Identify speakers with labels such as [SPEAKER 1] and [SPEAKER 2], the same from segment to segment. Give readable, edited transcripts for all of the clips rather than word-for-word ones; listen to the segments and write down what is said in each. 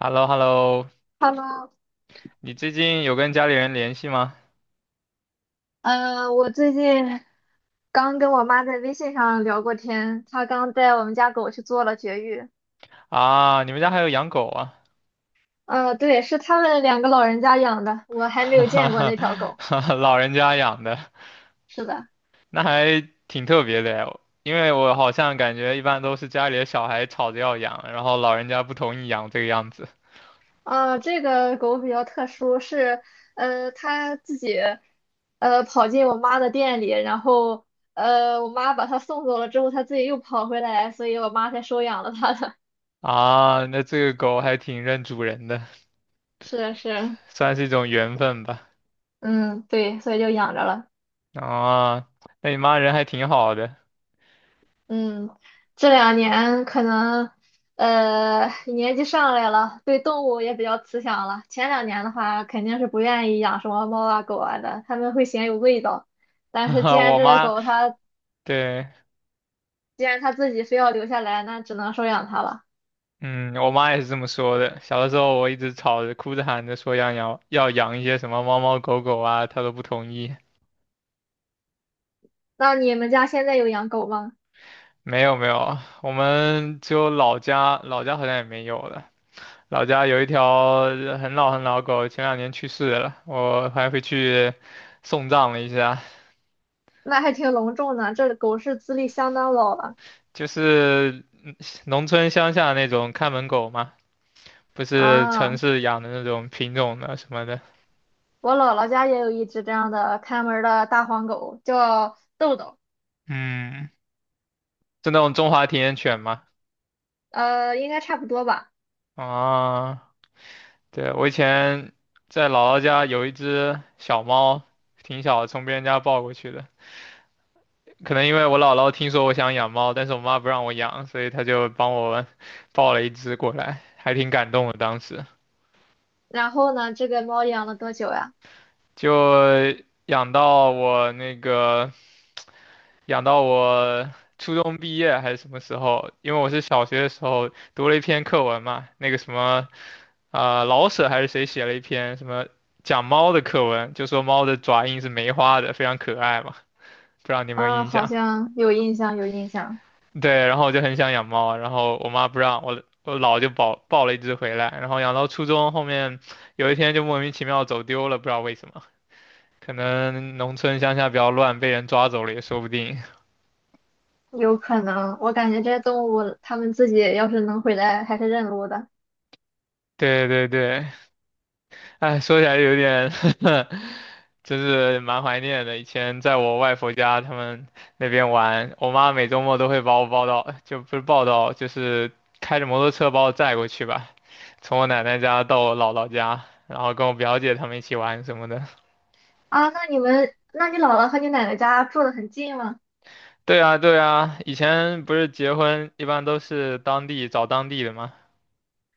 [SPEAKER 1] h e l l o h e l l o
[SPEAKER 2] Hello，
[SPEAKER 1] 你最近有跟家里人联系吗？
[SPEAKER 2] 我最近刚跟我妈在微信上聊过天，她刚带我们家狗去做了绝育。
[SPEAKER 1] 啊，你们家还有养狗啊？
[SPEAKER 2] 对，是他们两个老人家养的，我 还没
[SPEAKER 1] 哈
[SPEAKER 2] 有见过
[SPEAKER 1] 哈
[SPEAKER 2] 那条狗。
[SPEAKER 1] 哈，老人家养的，
[SPEAKER 2] 是的，
[SPEAKER 1] 那还挺特别的呀。因为我好像感觉一般都是家里的小孩吵着要养，然后老人家不同意养这个样子。
[SPEAKER 2] 这个狗比较特殊，它自己跑进我妈的店里，然后我妈把它送走了之后，它自己又跑回来，所以我妈才收养了它的。
[SPEAKER 1] 啊，那这个狗还挺认主人的，
[SPEAKER 2] 是是，
[SPEAKER 1] 算是一种缘分吧。
[SPEAKER 2] 嗯，对，所以就养着了。
[SPEAKER 1] 啊，那你妈人还挺好的。
[SPEAKER 2] 嗯，这两年可能年纪上来了，对动物也比较慈祥了。前两年的话，肯定是不愿意养什么猫啊狗啊的，他们会嫌有味道。但是
[SPEAKER 1] 我妈，对。
[SPEAKER 2] 既然它自己非要留下来，那只能收养它了。
[SPEAKER 1] 嗯，我妈也是这么说的。小的时候，我一直吵着、哭着、喊着说要养一些什么猫猫狗狗啊，她都不同意。
[SPEAKER 2] 那你们家现在有养狗吗？
[SPEAKER 1] 没有没有，我们只有老家，老家好像也没有了。老家有一条很老很老狗，前两年去世了，我还回去送葬了一下。
[SPEAKER 2] 那还挺隆重的，这狗是资历相当老了
[SPEAKER 1] 就是农村乡下那种看门狗嘛，不是城
[SPEAKER 2] 啊。
[SPEAKER 1] 市养的那种品种的什么的。
[SPEAKER 2] 我姥姥家也有一只这样的看门儿的大黄狗，叫豆豆，
[SPEAKER 1] 嗯，是那种中华田园犬嘛。
[SPEAKER 2] 应该差不多吧。
[SPEAKER 1] 啊。对，我以前在姥姥家有一只小猫，挺小的，从别人家抱过去的。可能因为我姥姥听说我想养猫，但是我妈不让我养，所以她就帮我 抱了一只过来，还挺感动的。当时
[SPEAKER 2] 然后呢，这个猫养了多久呀？
[SPEAKER 1] 就养到我那个养到我初中毕业还是什么时候？因为我是小学的时候读了一篇课文嘛，那个什么老舍还是谁写了一篇什么讲猫的课文，就说猫的爪印是梅花的，非常可爱嘛。不知道你有没有
[SPEAKER 2] 啊，
[SPEAKER 1] 印
[SPEAKER 2] 好
[SPEAKER 1] 象？
[SPEAKER 2] 像有印象，有印象，
[SPEAKER 1] 对，然后我就很想养猫啊，然后我妈不让我，我姥就抱了一只回来，然后养到初中，后面有一天就莫名其妙走丢了，不知道为什么，可能农村乡下比较乱，被人抓走了也说不定。
[SPEAKER 2] 有可能。我感觉这些动物，它们自己要是能回来，还是认路的。
[SPEAKER 1] 对对对，哎，说起来有点 就是蛮怀念的。以前在我外婆家，他们那边玩，我妈每周末都会把我抱到，就不是抱到，就是开着摩托车把我载过去吧，从我奶奶家到我姥姥家，然后跟我表姐他们一起玩什么的。
[SPEAKER 2] 啊，那你姥姥和你奶奶家住得很近吗？
[SPEAKER 1] 对啊，对啊，以前不是结婚一般都是当地找当地的吗？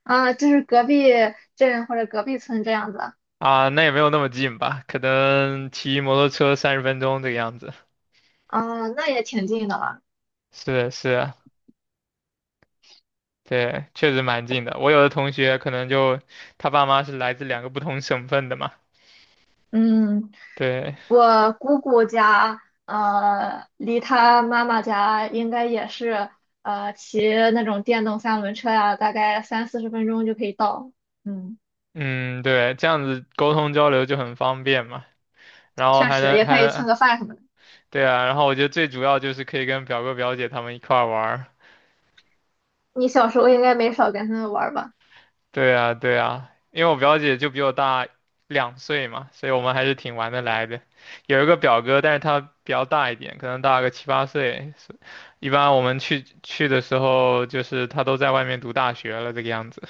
[SPEAKER 2] 啊，就是隔壁镇或者隔壁村这样子。
[SPEAKER 1] 啊，那也没有那么近吧，可能骑摩托车30分钟这个样子。
[SPEAKER 2] 啊，那也挺近的了。
[SPEAKER 1] 是是，对，确实蛮近的。我有的同学可能就他爸妈是来自两个不同省份的嘛，
[SPEAKER 2] 嗯，
[SPEAKER 1] 对，
[SPEAKER 2] 我姑姑家，离她妈妈家应该也是，骑那种电动三轮车呀，大概三四十分钟就可以到。嗯，
[SPEAKER 1] 嗯，对，这样子沟通交流就很方便嘛。然后
[SPEAKER 2] 确
[SPEAKER 1] 还
[SPEAKER 2] 实，
[SPEAKER 1] 能
[SPEAKER 2] 也可
[SPEAKER 1] 还
[SPEAKER 2] 以蹭
[SPEAKER 1] 能，
[SPEAKER 2] 个饭什么的。
[SPEAKER 1] 对啊，然后我觉得最主要就是可以跟表哥表姐他们一块儿玩儿。
[SPEAKER 2] 你小时候应该没少跟他们玩儿吧？
[SPEAKER 1] 对啊，对啊，因为我表姐就比我大两岁嘛，所以我们还是挺玩得来的。有一个表哥，但是他比较大一点，可能大个7、8岁。是一般我们去的时候，就是他都在外面读大学了这个样子。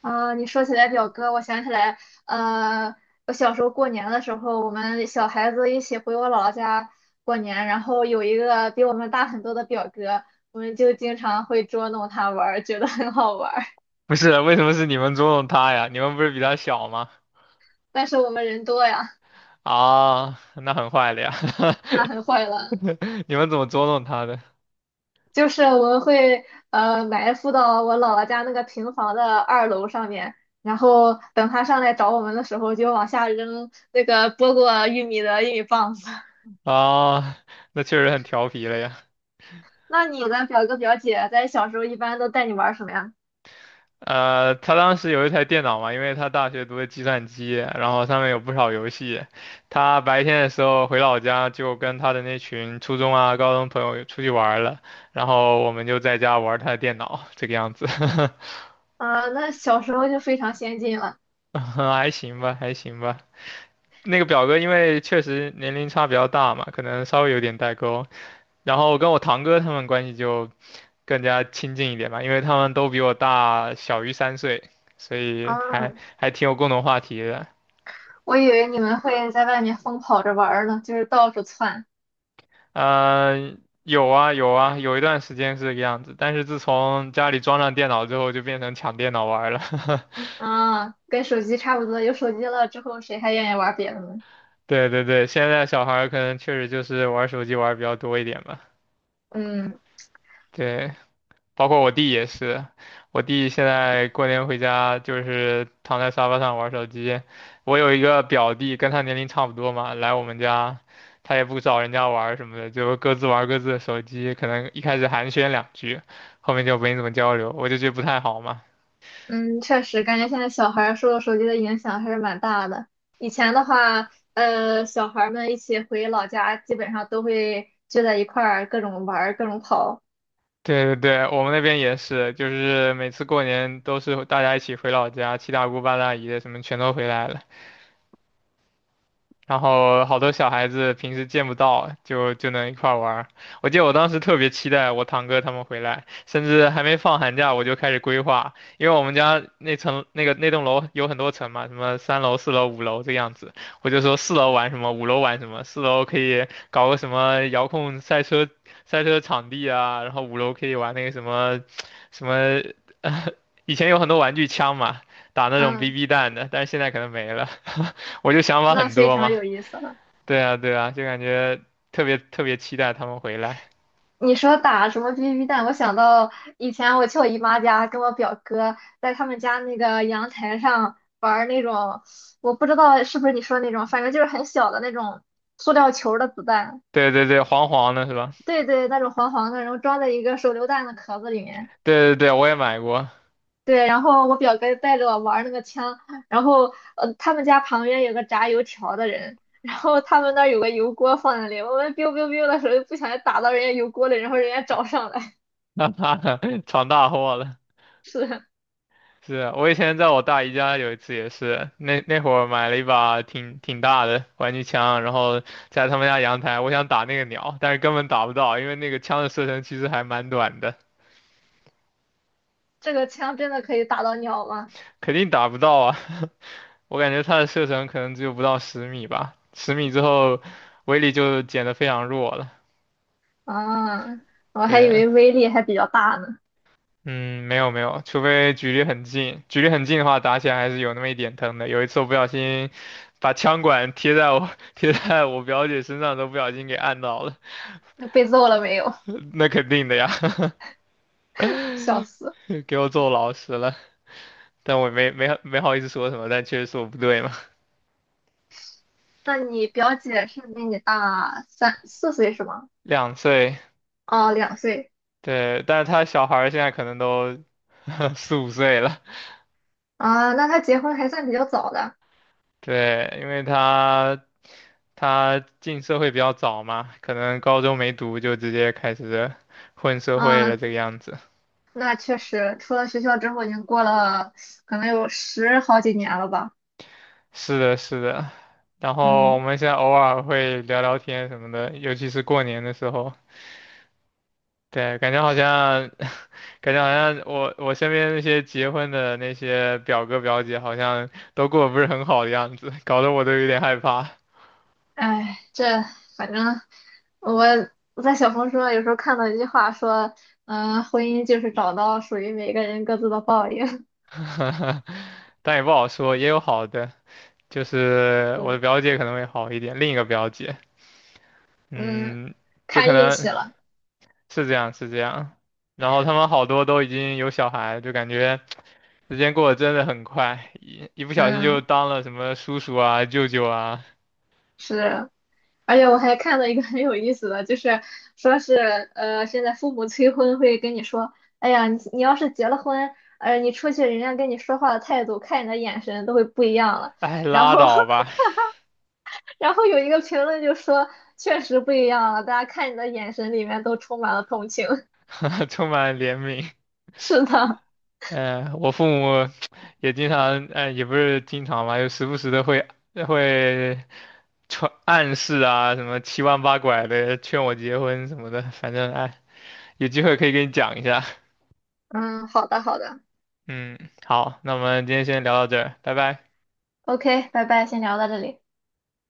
[SPEAKER 2] 啊，你说起来表哥，我想起来，呃，我小时候过年的时候，我们小孩子一起回我姥姥家过年，然后有一个比我们大很多的表哥，我们就经常会捉弄他玩儿，觉得很好玩。
[SPEAKER 1] 不是，为什么是你们捉弄他呀？你们不是比他小吗？
[SPEAKER 2] 但是我们人多呀，
[SPEAKER 1] 啊，那很坏了呀，
[SPEAKER 2] 那很坏了。
[SPEAKER 1] 你们怎么捉弄他的？
[SPEAKER 2] 就是我们会埋伏到我姥姥家那个平房的二楼上面，然后等他上来找我们的时候，就往下扔那个剥过玉米的玉米棒子。
[SPEAKER 1] 啊，那确实很调皮了呀。
[SPEAKER 2] 那你的表哥表姐在小时候一般都带你玩什么呀？
[SPEAKER 1] 他当时有一台电脑嘛，因为他大学读的计算机，然后上面有不少游戏。他白天的时候回老家，就跟他的那群初中啊、高中朋友出去玩儿了，然后我们就在家玩儿他的电脑，这个样子，
[SPEAKER 2] 啊，那小时候就非常先进了。
[SPEAKER 1] 还行吧，还行吧。那个表哥因为确实年龄差比较大嘛，可能稍微有点代沟。然后跟我堂哥他们关系就更加亲近一点吧，因为他们都比我大小于3岁，所以
[SPEAKER 2] 啊，
[SPEAKER 1] 还挺有共同话题的。
[SPEAKER 2] 我以为你们会在外面疯跑着玩儿呢，就是到处窜。
[SPEAKER 1] 嗯、有啊有啊，有一段时间是这个样子，但是自从家里装上电脑之后，就变成抢电脑玩儿了。
[SPEAKER 2] 啊，跟手机差不多，有手机了之后，谁还愿意玩别的呢？
[SPEAKER 1] 对对对，现在小孩儿可能确实就是玩手机玩儿比较多一点吧。
[SPEAKER 2] 嗯。
[SPEAKER 1] 对，包括我弟也是，我弟现在过年回家就是躺在沙发上玩手机。我有一个表弟，跟他年龄差不多嘛，来我们家，他也不找人家玩儿什么的，就各自玩各自的手机。可能一开始寒暄两句，后面就没怎么交流，我就觉得不太好嘛。
[SPEAKER 2] 嗯，确实，感觉现在小孩儿受手机的影响还是蛮大的。以前的话，小孩儿们一起回老家，基本上都会聚在一块儿，各种玩儿，各种跑。
[SPEAKER 1] 对对对，我们那边也是，就是每次过年都是大家一起回老家，七大姑八大姨的什么全都回来了。然后好多小孩子平时见不到，就能一块儿玩儿。我记得我当时特别期待我堂哥他们回来，甚至还没放寒假我就开始规划，因为我们家那层那个那栋楼有很多层嘛，什么三楼、四楼、五楼这样子。我就说四楼玩什么，五楼玩什么，四楼可以搞个什么遥控赛车赛车场地啊，然后五楼可以玩那个什么什么，以前有很多玩具枪嘛，打那种
[SPEAKER 2] 嗯，
[SPEAKER 1] BB 弹的，但是现在可能没了。我就想法
[SPEAKER 2] 那
[SPEAKER 1] 很
[SPEAKER 2] 非
[SPEAKER 1] 多
[SPEAKER 2] 常
[SPEAKER 1] 嘛。
[SPEAKER 2] 有意思了。
[SPEAKER 1] 对啊，对啊，就感觉特别特别期待他们回来。
[SPEAKER 2] 你说打什么 BB 弹，我想到以前我去我姨妈家，跟我表哥在他们家那个阳台上玩儿那种，我不知道是不是你说那种，反正就是很小的那种塑料球儿的子弹。
[SPEAKER 1] 对对对，黄黄的是吧？
[SPEAKER 2] 对对，那种黄黄的，然后装在一个手榴弹的壳子里面。
[SPEAKER 1] 对对对，我也买过，
[SPEAKER 2] 对，然后我表哥带着我玩儿那个枪，然后他们家旁边有个炸油条的人，然后他们那儿有个油锅放在那里，我们 biu biu biu 的时候不小心打到人家油锅里，然后人家找上来。
[SPEAKER 1] 哈哈，闯大祸了。
[SPEAKER 2] 是，
[SPEAKER 1] 是啊我以前在我大姨家有一次也是，那会儿买了一把挺大的玩具枪，然后在他们家阳台，我想打那个鸟，但是根本打不到，因为那个枪的射程其实还蛮短的，
[SPEAKER 2] 这个枪真的可以打到鸟吗？
[SPEAKER 1] 肯定打不到啊。我感觉它的射程可能只有不到十米吧，十米之后威力就减得非常弱了。
[SPEAKER 2] 啊，我还以
[SPEAKER 1] 对，
[SPEAKER 2] 为威力还比较大呢。
[SPEAKER 1] 嗯，没有没有，除非距离很近，距离很近的话，打起来还是有那么一点疼的。有一次我不小心把枪管贴在我 贴在我表姐身上，都不小心给按到了，
[SPEAKER 2] 那被揍了没有？
[SPEAKER 1] 那肯定的呀，
[SPEAKER 2] 笑死。
[SPEAKER 1] 给我揍老实了。但我没好意思说什么，但确实是我不对嘛。
[SPEAKER 2] 那你表姐是比你大三四岁是吗？
[SPEAKER 1] 两岁，
[SPEAKER 2] 哦，两岁
[SPEAKER 1] 对，但是他小孩儿现在可能都 4、5岁了，
[SPEAKER 2] 啊，那她结婚还算比较早的。
[SPEAKER 1] 对，因为他他进社会比较早嘛，可能高中没读就直接开始混社会了
[SPEAKER 2] 啊，
[SPEAKER 1] 这个样子。
[SPEAKER 2] 那确实，出了学校之后已经过了可能有十好几年了吧。
[SPEAKER 1] 是的，是的。然后我
[SPEAKER 2] 嗯，
[SPEAKER 1] 们现在偶尔会聊聊天什么的，尤其是过年的时候。对，感觉好像，感觉好像我我身边那些结婚的那些表哥表姐好像都过得不是很好的样子，搞得我都有点害怕。
[SPEAKER 2] 哎，这反正我我在小红书上有时候看到一句话说，嗯、婚姻就是找到属于每个人各自的报应。
[SPEAKER 1] 但也不好说，也有好的，就是我
[SPEAKER 2] 嗯
[SPEAKER 1] 的表姐可能会好一点，另一个表姐，
[SPEAKER 2] 嗯，
[SPEAKER 1] 嗯，就可
[SPEAKER 2] 看运
[SPEAKER 1] 能
[SPEAKER 2] 气了。
[SPEAKER 1] 是这样，是这样。然后他们好多都已经有小孩，就感觉。时间过得真的很快，一不小心就
[SPEAKER 2] 嗯，
[SPEAKER 1] 当了什么叔叔啊、舅舅啊，
[SPEAKER 2] 是。而且我还看到一个很有意思的，就是说是现在父母催婚会跟你说，哎呀，你要是结了婚，你出去人家跟你说话的态度，看你的眼神都会不一样了。
[SPEAKER 1] 哎，
[SPEAKER 2] 然
[SPEAKER 1] 拉
[SPEAKER 2] 后，
[SPEAKER 1] 倒吧，
[SPEAKER 2] 然后有一个评论就说，确实不一样了，大家看你的眼神里面都充满了同情。
[SPEAKER 1] 充满怜悯。
[SPEAKER 2] 是的，
[SPEAKER 1] 嗯、我父母也经常，哎，也不是经常吧，就时不时的会传暗示啊，什么七弯八拐的劝我结婚什么的，反正哎，有机会可以跟你讲一下。
[SPEAKER 2] 嗯，好的，好的
[SPEAKER 1] 嗯，好，那我们今天先聊到这儿，拜拜。
[SPEAKER 2] ，OK，拜拜，先聊到这里。